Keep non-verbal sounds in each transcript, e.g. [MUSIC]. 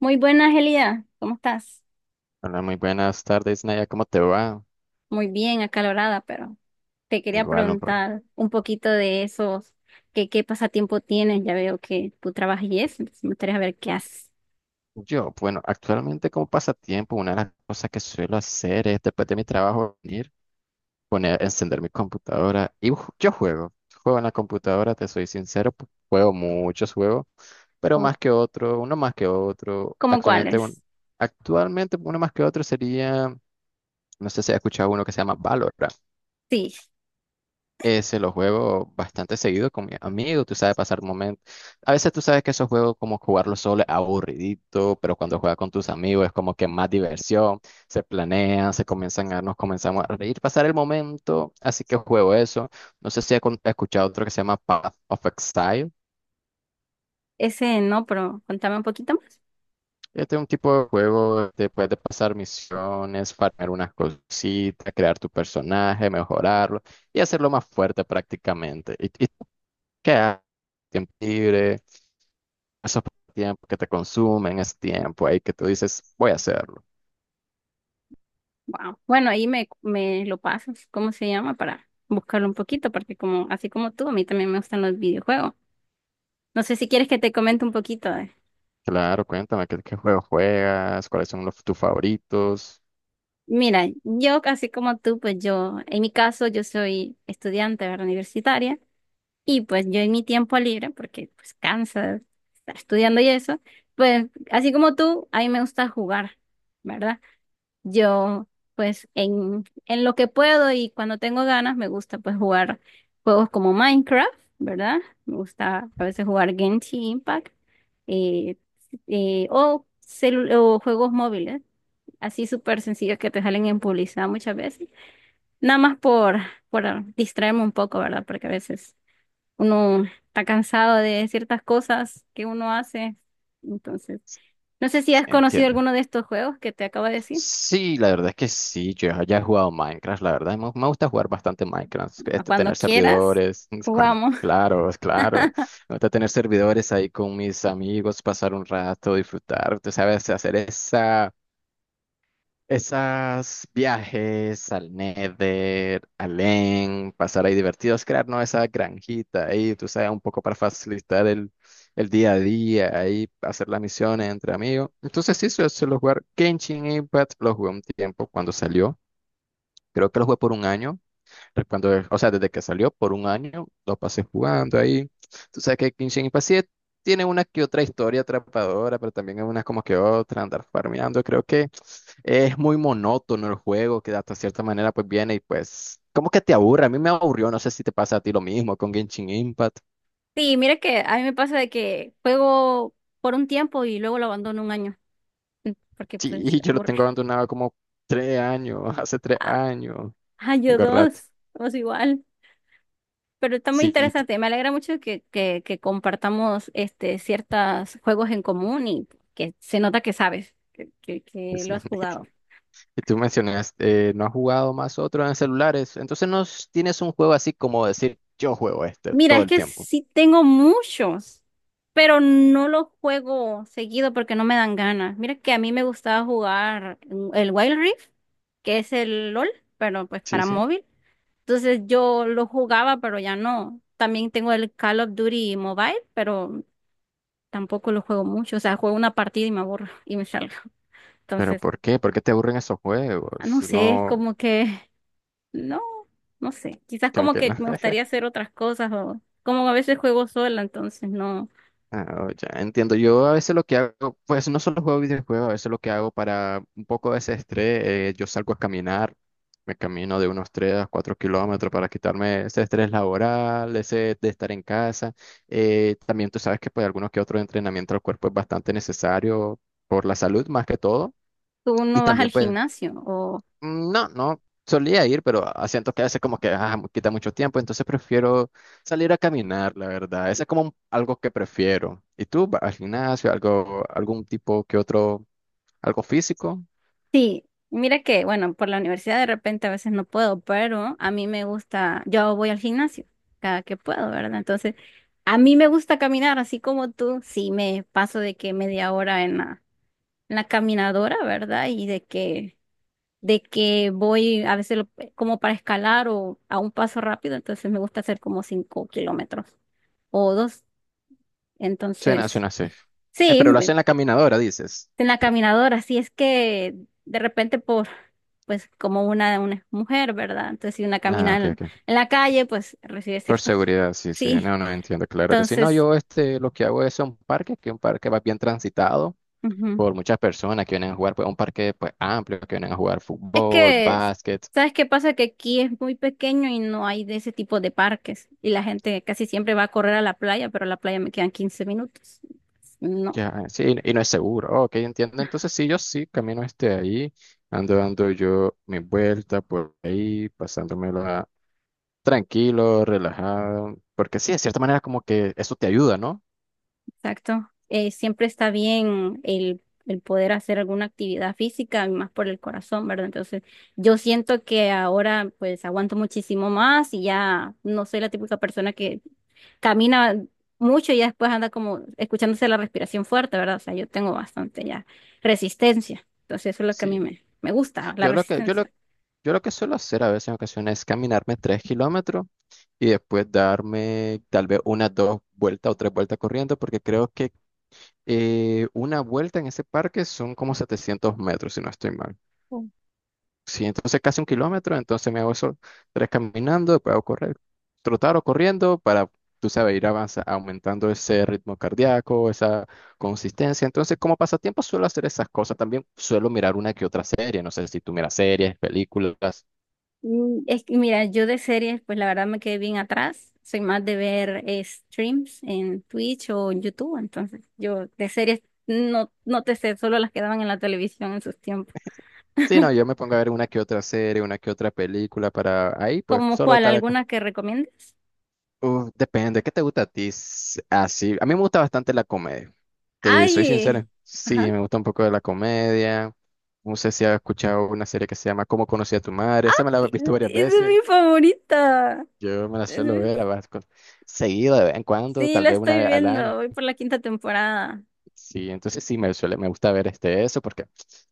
Muy buena, Angelida. ¿Cómo estás? Hola, muy buenas tardes, Naya. ¿Cómo te va? Muy bien, acalorada, pero te quería Igual, un poco. preguntar un poquito de esos, qué pasatiempo tienes. Ya veo que tú trabajas y eso, entonces me gustaría ver qué haces. Yo, bueno, actualmente como pasatiempo, una de las cosas que suelo hacer es después de mi trabajo venir poner, encender mi computadora y yo juego. Juego en la computadora, te soy sincero, juego muchos juegos, pero ¿Cómo, más que otro, uno más que otro. cómo cuáles? Actualmente uno más que otro sería, no sé si has escuchado uno que se llama Valorant. Sí, Se los juego bastante seguido con mi amigo, tú sabes, pasar momentos. A veces tú sabes que esos juegos, como jugarlo solo es aburridito, pero cuando juegas con tus amigos es como que más diversión, se comienzan a, nos comenzamos a reír, pasar el momento, así que juego eso. No sé si has escuchado otro que se llama Path of Exile. ese no, pero contame un poquito más. Este es un tipo de juego de puedes pasar misiones, farmear unas cositas, crear tu personaje, mejorarlo y hacerlo más fuerte prácticamente. Y tú qué haces? ¿Tiempo libre? Eso fue tiempo que te consumen, es tiempo ahí que tú dices, voy a hacerlo. Wow. Bueno, ahí me lo pasas. ¿Cómo se llama? Para buscarlo un poquito, porque como, así como tú, a mí también me gustan los videojuegos. No sé si quieres que te comente un poquito. Claro, cuéntame qué, qué juego juegas, cuáles son los, tus favoritos. Mira, yo casi como tú, pues yo, en mi caso, yo soy estudiante, ¿verdad? Universitaria, y pues yo en mi tiempo libre, porque pues cansa estar estudiando y eso, pues así como tú, a mí me gusta jugar, ¿verdad? Yo, pues en lo que puedo y cuando tengo ganas, me gusta pues jugar juegos como Minecraft, ¿verdad? Me gusta a veces jugar Genshin Impact, eh, o, o juegos móviles así súper sencillos que te salen en publicidad muchas veces, nada más por distraerme un poco, ¿verdad? Porque a veces uno está cansado de ciertas cosas que uno hace. Entonces, no sé si Sí, has conocido entiendo. alguno de estos juegos que te acabo de decir. Sí, la verdad es que sí, yo ya he jugado Minecraft, la verdad, me gusta jugar bastante Minecraft, A este, cuando tener quieras, servidores, [LAUGHS] jugamos. [LAUGHS] claro, es claro, me gusta tener servidores ahí con mis amigos, pasar un rato, disfrutar, tú sabes, hacer esa, esas viajes al Nether, al Len, pasar ahí divertidos, crear, ¿no? Esa granjita ahí, tú sabes, un poco para facilitar el día a día, ahí hacer las misiones entre amigos. Entonces sí, suelo jugar Genshin Impact, lo jugué un tiempo cuando salió, creo que lo jugué por un año, cuando, o sea, desde que salió, por un año lo pasé jugando ahí. Tú sabes que Genshin Impact sí tiene una que otra historia atrapadora, pero también hay unas como que otra, andar farmeando, creo que… Es muy monótono el juego, que hasta cierta manera pues viene y pues como que te aburre. A mí me aburrió, no sé si te pasa a ti lo mismo con Genshin Impact. [LAUGHS] Sí, mira que a mí me pasa de que juego por un tiempo y luego lo abandono un año, porque pues Sí, yo lo aburre. tengo abandonado como 3 años, [LAUGHS] hace tres [LAUGHS] años. Ah, yo Tengo rato. dos, vamos igual. Pero está muy Sí, interesante. Me alegra mucho que, que compartamos este, ciertos juegos en común y que se nota que sabes, que, que lo sí. has jugado. [LAUGHS] Y tú mencionaste, no has jugado más otro en celulares, entonces no s- tienes un juego así como decir, yo juego este Mira, todo es el que tiempo. sí tengo muchos, pero no los juego seguido porque no me dan ganas. Mira que a mí me gustaba jugar el Wild Rift, que es el LOL, pero pues Sí, para sí. móvil. Entonces yo lo jugaba, pero ya no. También tengo el Call of Duty Mobile, pero tampoco lo juego mucho. O sea, juego una partida y me aburro y me salgo. ¿Pero Entonces, por qué? ¿Por qué te aburren esos no juegos? sé, es No, como que, [LAUGHS] no, no sé. Quizás como como que que no. me gustaría hacer otras cosas o como a veces juego sola, entonces no, Ah, oh, ya entiendo. Yo a veces lo que hago, pues no solo juego videojuegos, a veces lo que hago para un poco de ese estrés, yo salgo a caminar, me camino de unos 3 a 4 kilómetros para quitarme ese estrés laboral, ese de estar en casa. También tú sabes que pues algunos que otro entrenamiento al cuerpo es bastante necesario por la salud más que todo. tú Y no vas al también pues gimnasio o mm, no, no solía ir, pero ah, siento que a veces como que ah, quita mucho tiempo, entonces prefiero salir a caminar, la verdad. Eso es como algo que prefiero. ¿Y tú vas al gimnasio, algo, algún tipo que otro, algo físico? sí. Mira que, bueno, por la universidad de repente a veces no puedo, pero a mí me gusta, yo voy al gimnasio cada que puedo, ¿verdad? Entonces, a mí me gusta caminar, así como tú, sí me paso de que media hora en la, caminadora, ¿verdad? Y de que voy a veces como para escalar o a un paso rápido, entonces me gusta hacer como 5 kilómetros o dos. Suena, Entonces, suena así. Sí, Pero lo hacen en la caminadora, dices. en la caminadora, así es que de repente por, pues como una, mujer, ¿verdad? Entonces, si una Ah, camina ok, en, ok. en la calle, pues recibe Por ciertos, seguridad, sí, sí. sí, No, no entiendo, claro que sí. No, entonces, yo este, lo que hago es un parque, que un parque va bien transitado ujú. por muchas personas que vienen a jugar, pues un parque pues amplio, que vienen a jugar Es fútbol, que, básquet. ¿sabes qué pasa? Que aquí es muy pequeño y no hay de ese tipo de parques. Y la gente casi siempre va a correr a la playa, pero a la playa me quedan 15 minutos. No, Ya, sí, y no es seguro. Ok, entiendo. Entonces, sí, yo sí camino este ahí, ando dando yo mi vuelta por ahí, pasándomela tranquilo, relajado, porque sí, de cierta manera como que eso te ayuda, ¿no? exacto. Siempre está bien el poder hacer alguna actividad física, y más por el corazón, ¿verdad? Entonces, yo siento que ahora pues aguanto muchísimo más y ya no soy la típica persona que camina mucho y ya después anda como escuchándose la respiración fuerte, ¿verdad? O sea, yo tengo bastante ya resistencia. Entonces, eso es lo que a mí Sí. me gusta, la Yo lo que, yo lo, resistencia. yo lo que suelo hacer a veces en ocasiones es caminarme 3 kilómetros y después darme tal vez unas dos vueltas o tres vueltas corriendo, porque creo que una vuelta en ese parque son como 700 metros, si no estoy mal. Sí, entonces casi un kilómetro, entonces me hago eso tres caminando, después hago correr, trotar o corriendo para, tú sabes, ir avanza, aumentando ese ritmo cardíaco, esa consistencia. Entonces, como pasatiempo suelo hacer esas cosas. También suelo mirar una que otra serie. No sé si tú miras series, películas. Es que, mira, yo de series, pues la verdad me quedé bien atrás. Soy más de ver streams en Twitch o en YouTube. Entonces, yo de series no te sé, solo las que daban en la televisión en sus tiempos. Sí, no, [LAUGHS] yo me pongo a ver una que otra serie, una que otra película para ahí, pues ¿Como solo cuál? estar. ¿Alguna que recomiendes? Uf, depende, ¿qué te gusta a ti? Así, a mí me gusta bastante la comedia. Te soy Ay, sincero. ajá. Sí, me gusta un poco de la comedia. No sé si has escuchado una serie que se llama ¿Cómo conocí a tu madre? Esa me la he visto varias Esa es veces. mi favorita. Yo me la suelo ver a seguido de vez en cuando, Sí, tal lo vez una estoy vez al viendo, año. voy por la quinta temporada. Sí, entonces sí me suele, me gusta ver este eso porque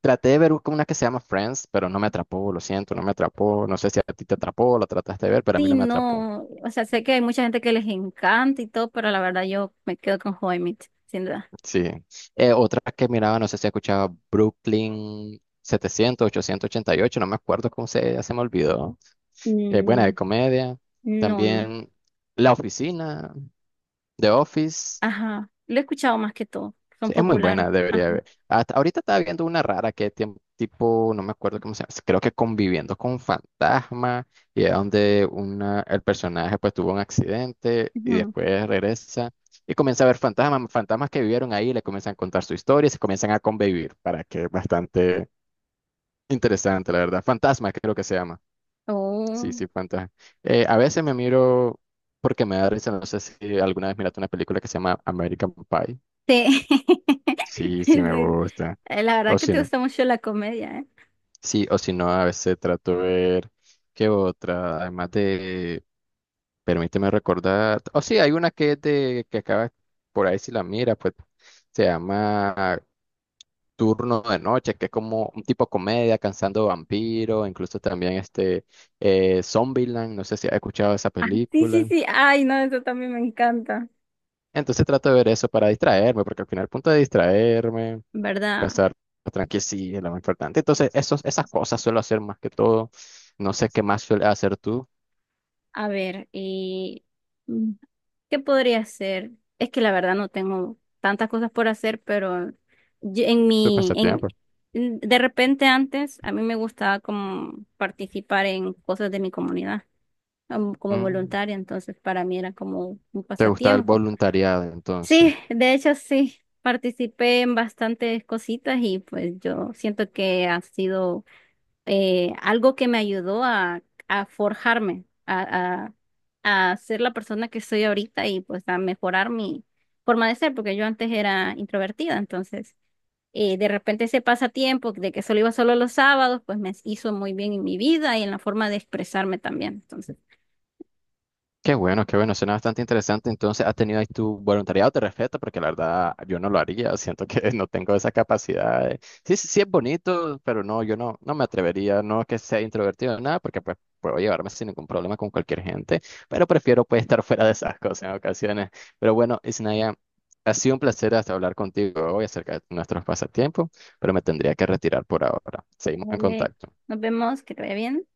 traté de ver una que se llama Friends, pero no me atrapó, lo siento, no me atrapó. No sé si a ti te atrapó, la trataste de ver, pero a mí Sí, no me atrapó. no, o sea, sé que hay mucha gente que les encanta y todo, pero la verdad yo me quedo con How I Met, sin duda. Sí. Otra que miraba, no sé si escuchaba Brooklyn 700, 888, no me acuerdo cómo se, ya se me olvidó. Buena de Mm, comedia. no, no, También La Oficina, The Office. ajá, lo he escuchado más que todo, son Sí, es muy populares, buena, debería ajá. ver. Hasta ahorita estaba viendo una rara que tipo, no me acuerdo cómo se llama, creo que conviviendo con fantasma, y es donde una, el personaje pues tuvo un accidente y Ujú. después regresa y comienza a ver fantasmas, fantasmas que vivieron ahí, le comienzan a contar su historia y se comienzan a convivir, para que es bastante interesante, la verdad. Fantasma creo que se llama. Sí, Oh, sí, fantasma. A veces me miro porque me da risa, no sé si alguna vez miraste una película que se llama American Pie. sí. [LAUGHS] Sí, sí me Sí. gusta. La verdad O que si te no, gusta mucho la comedia, ¿eh? sí, o si no, a veces trato de ver qué otra, además de, permíteme recordar, o sí, hay una que es de, que acaba, por ahí si la mira, pues se llama Turno de Noche, que es como un tipo comedia, cansando vampiros, incluso también este, Zombieland, no sé si has escuchado esa Ah, sí, sí, película. sí, ay, no, eso también me encanta, Entonces trato de ver eso para distraerme, porque al final el punto de distraerme, ¿verdad? pasar tranqui, sí es lo más importante. Entonces, esos, esas cosas suelo hacer más que todo. No sé qué más suele hacer tú, A ver, mm, ¿qué podría hacer? Es que la verdad no tengo tantas cosas por hacer, pero yo- en tu mi, pasatiempo. en, de repente antes a mí me gustaba como participar en cosas de mi comunidad como Mm, voluntaria, entonces para mí era como un ¿te gusta el pasatiempo. voluntariado entonces? Sí, de hecho sí, participé en bastantes cositas y pues yo siento que ha sido algo que me ayudó a, forjarme, a ser la persona que soy ahorita y pues a mejorar mi forma de ser, porque yo antes era introvertida, entonces de repente ese pasatiempo de que solo iba solo los sábados, pues me hizo muy bien en mi vida y en la forma de expresarme también. Entonces, Qué bueno, suena bastante interesante. Entonces, ¿has tenido ahí tu voluntariado? Te respeto porque la verdad yo no lo haría. Siento que [LAUGHS] no tengo esa capacidad. Sí, sí, sí es bonito, pero no, yo no, no me atrevería. No es que sea introvertido, nada, porque pues puedo llevarme sin ningún problema con cualquier gente, pero prefiero pues estar [LAUGHS] fuera de esas cosas en ocasiones. Pero bueno, Isnaya, ha sido un placer hasta hablar contigo hoy acerca de nuestros pasatiempos, pero me tendría que retirar por ahora. Seguimos en dale, contacto. nos vemos, que te vaya bien.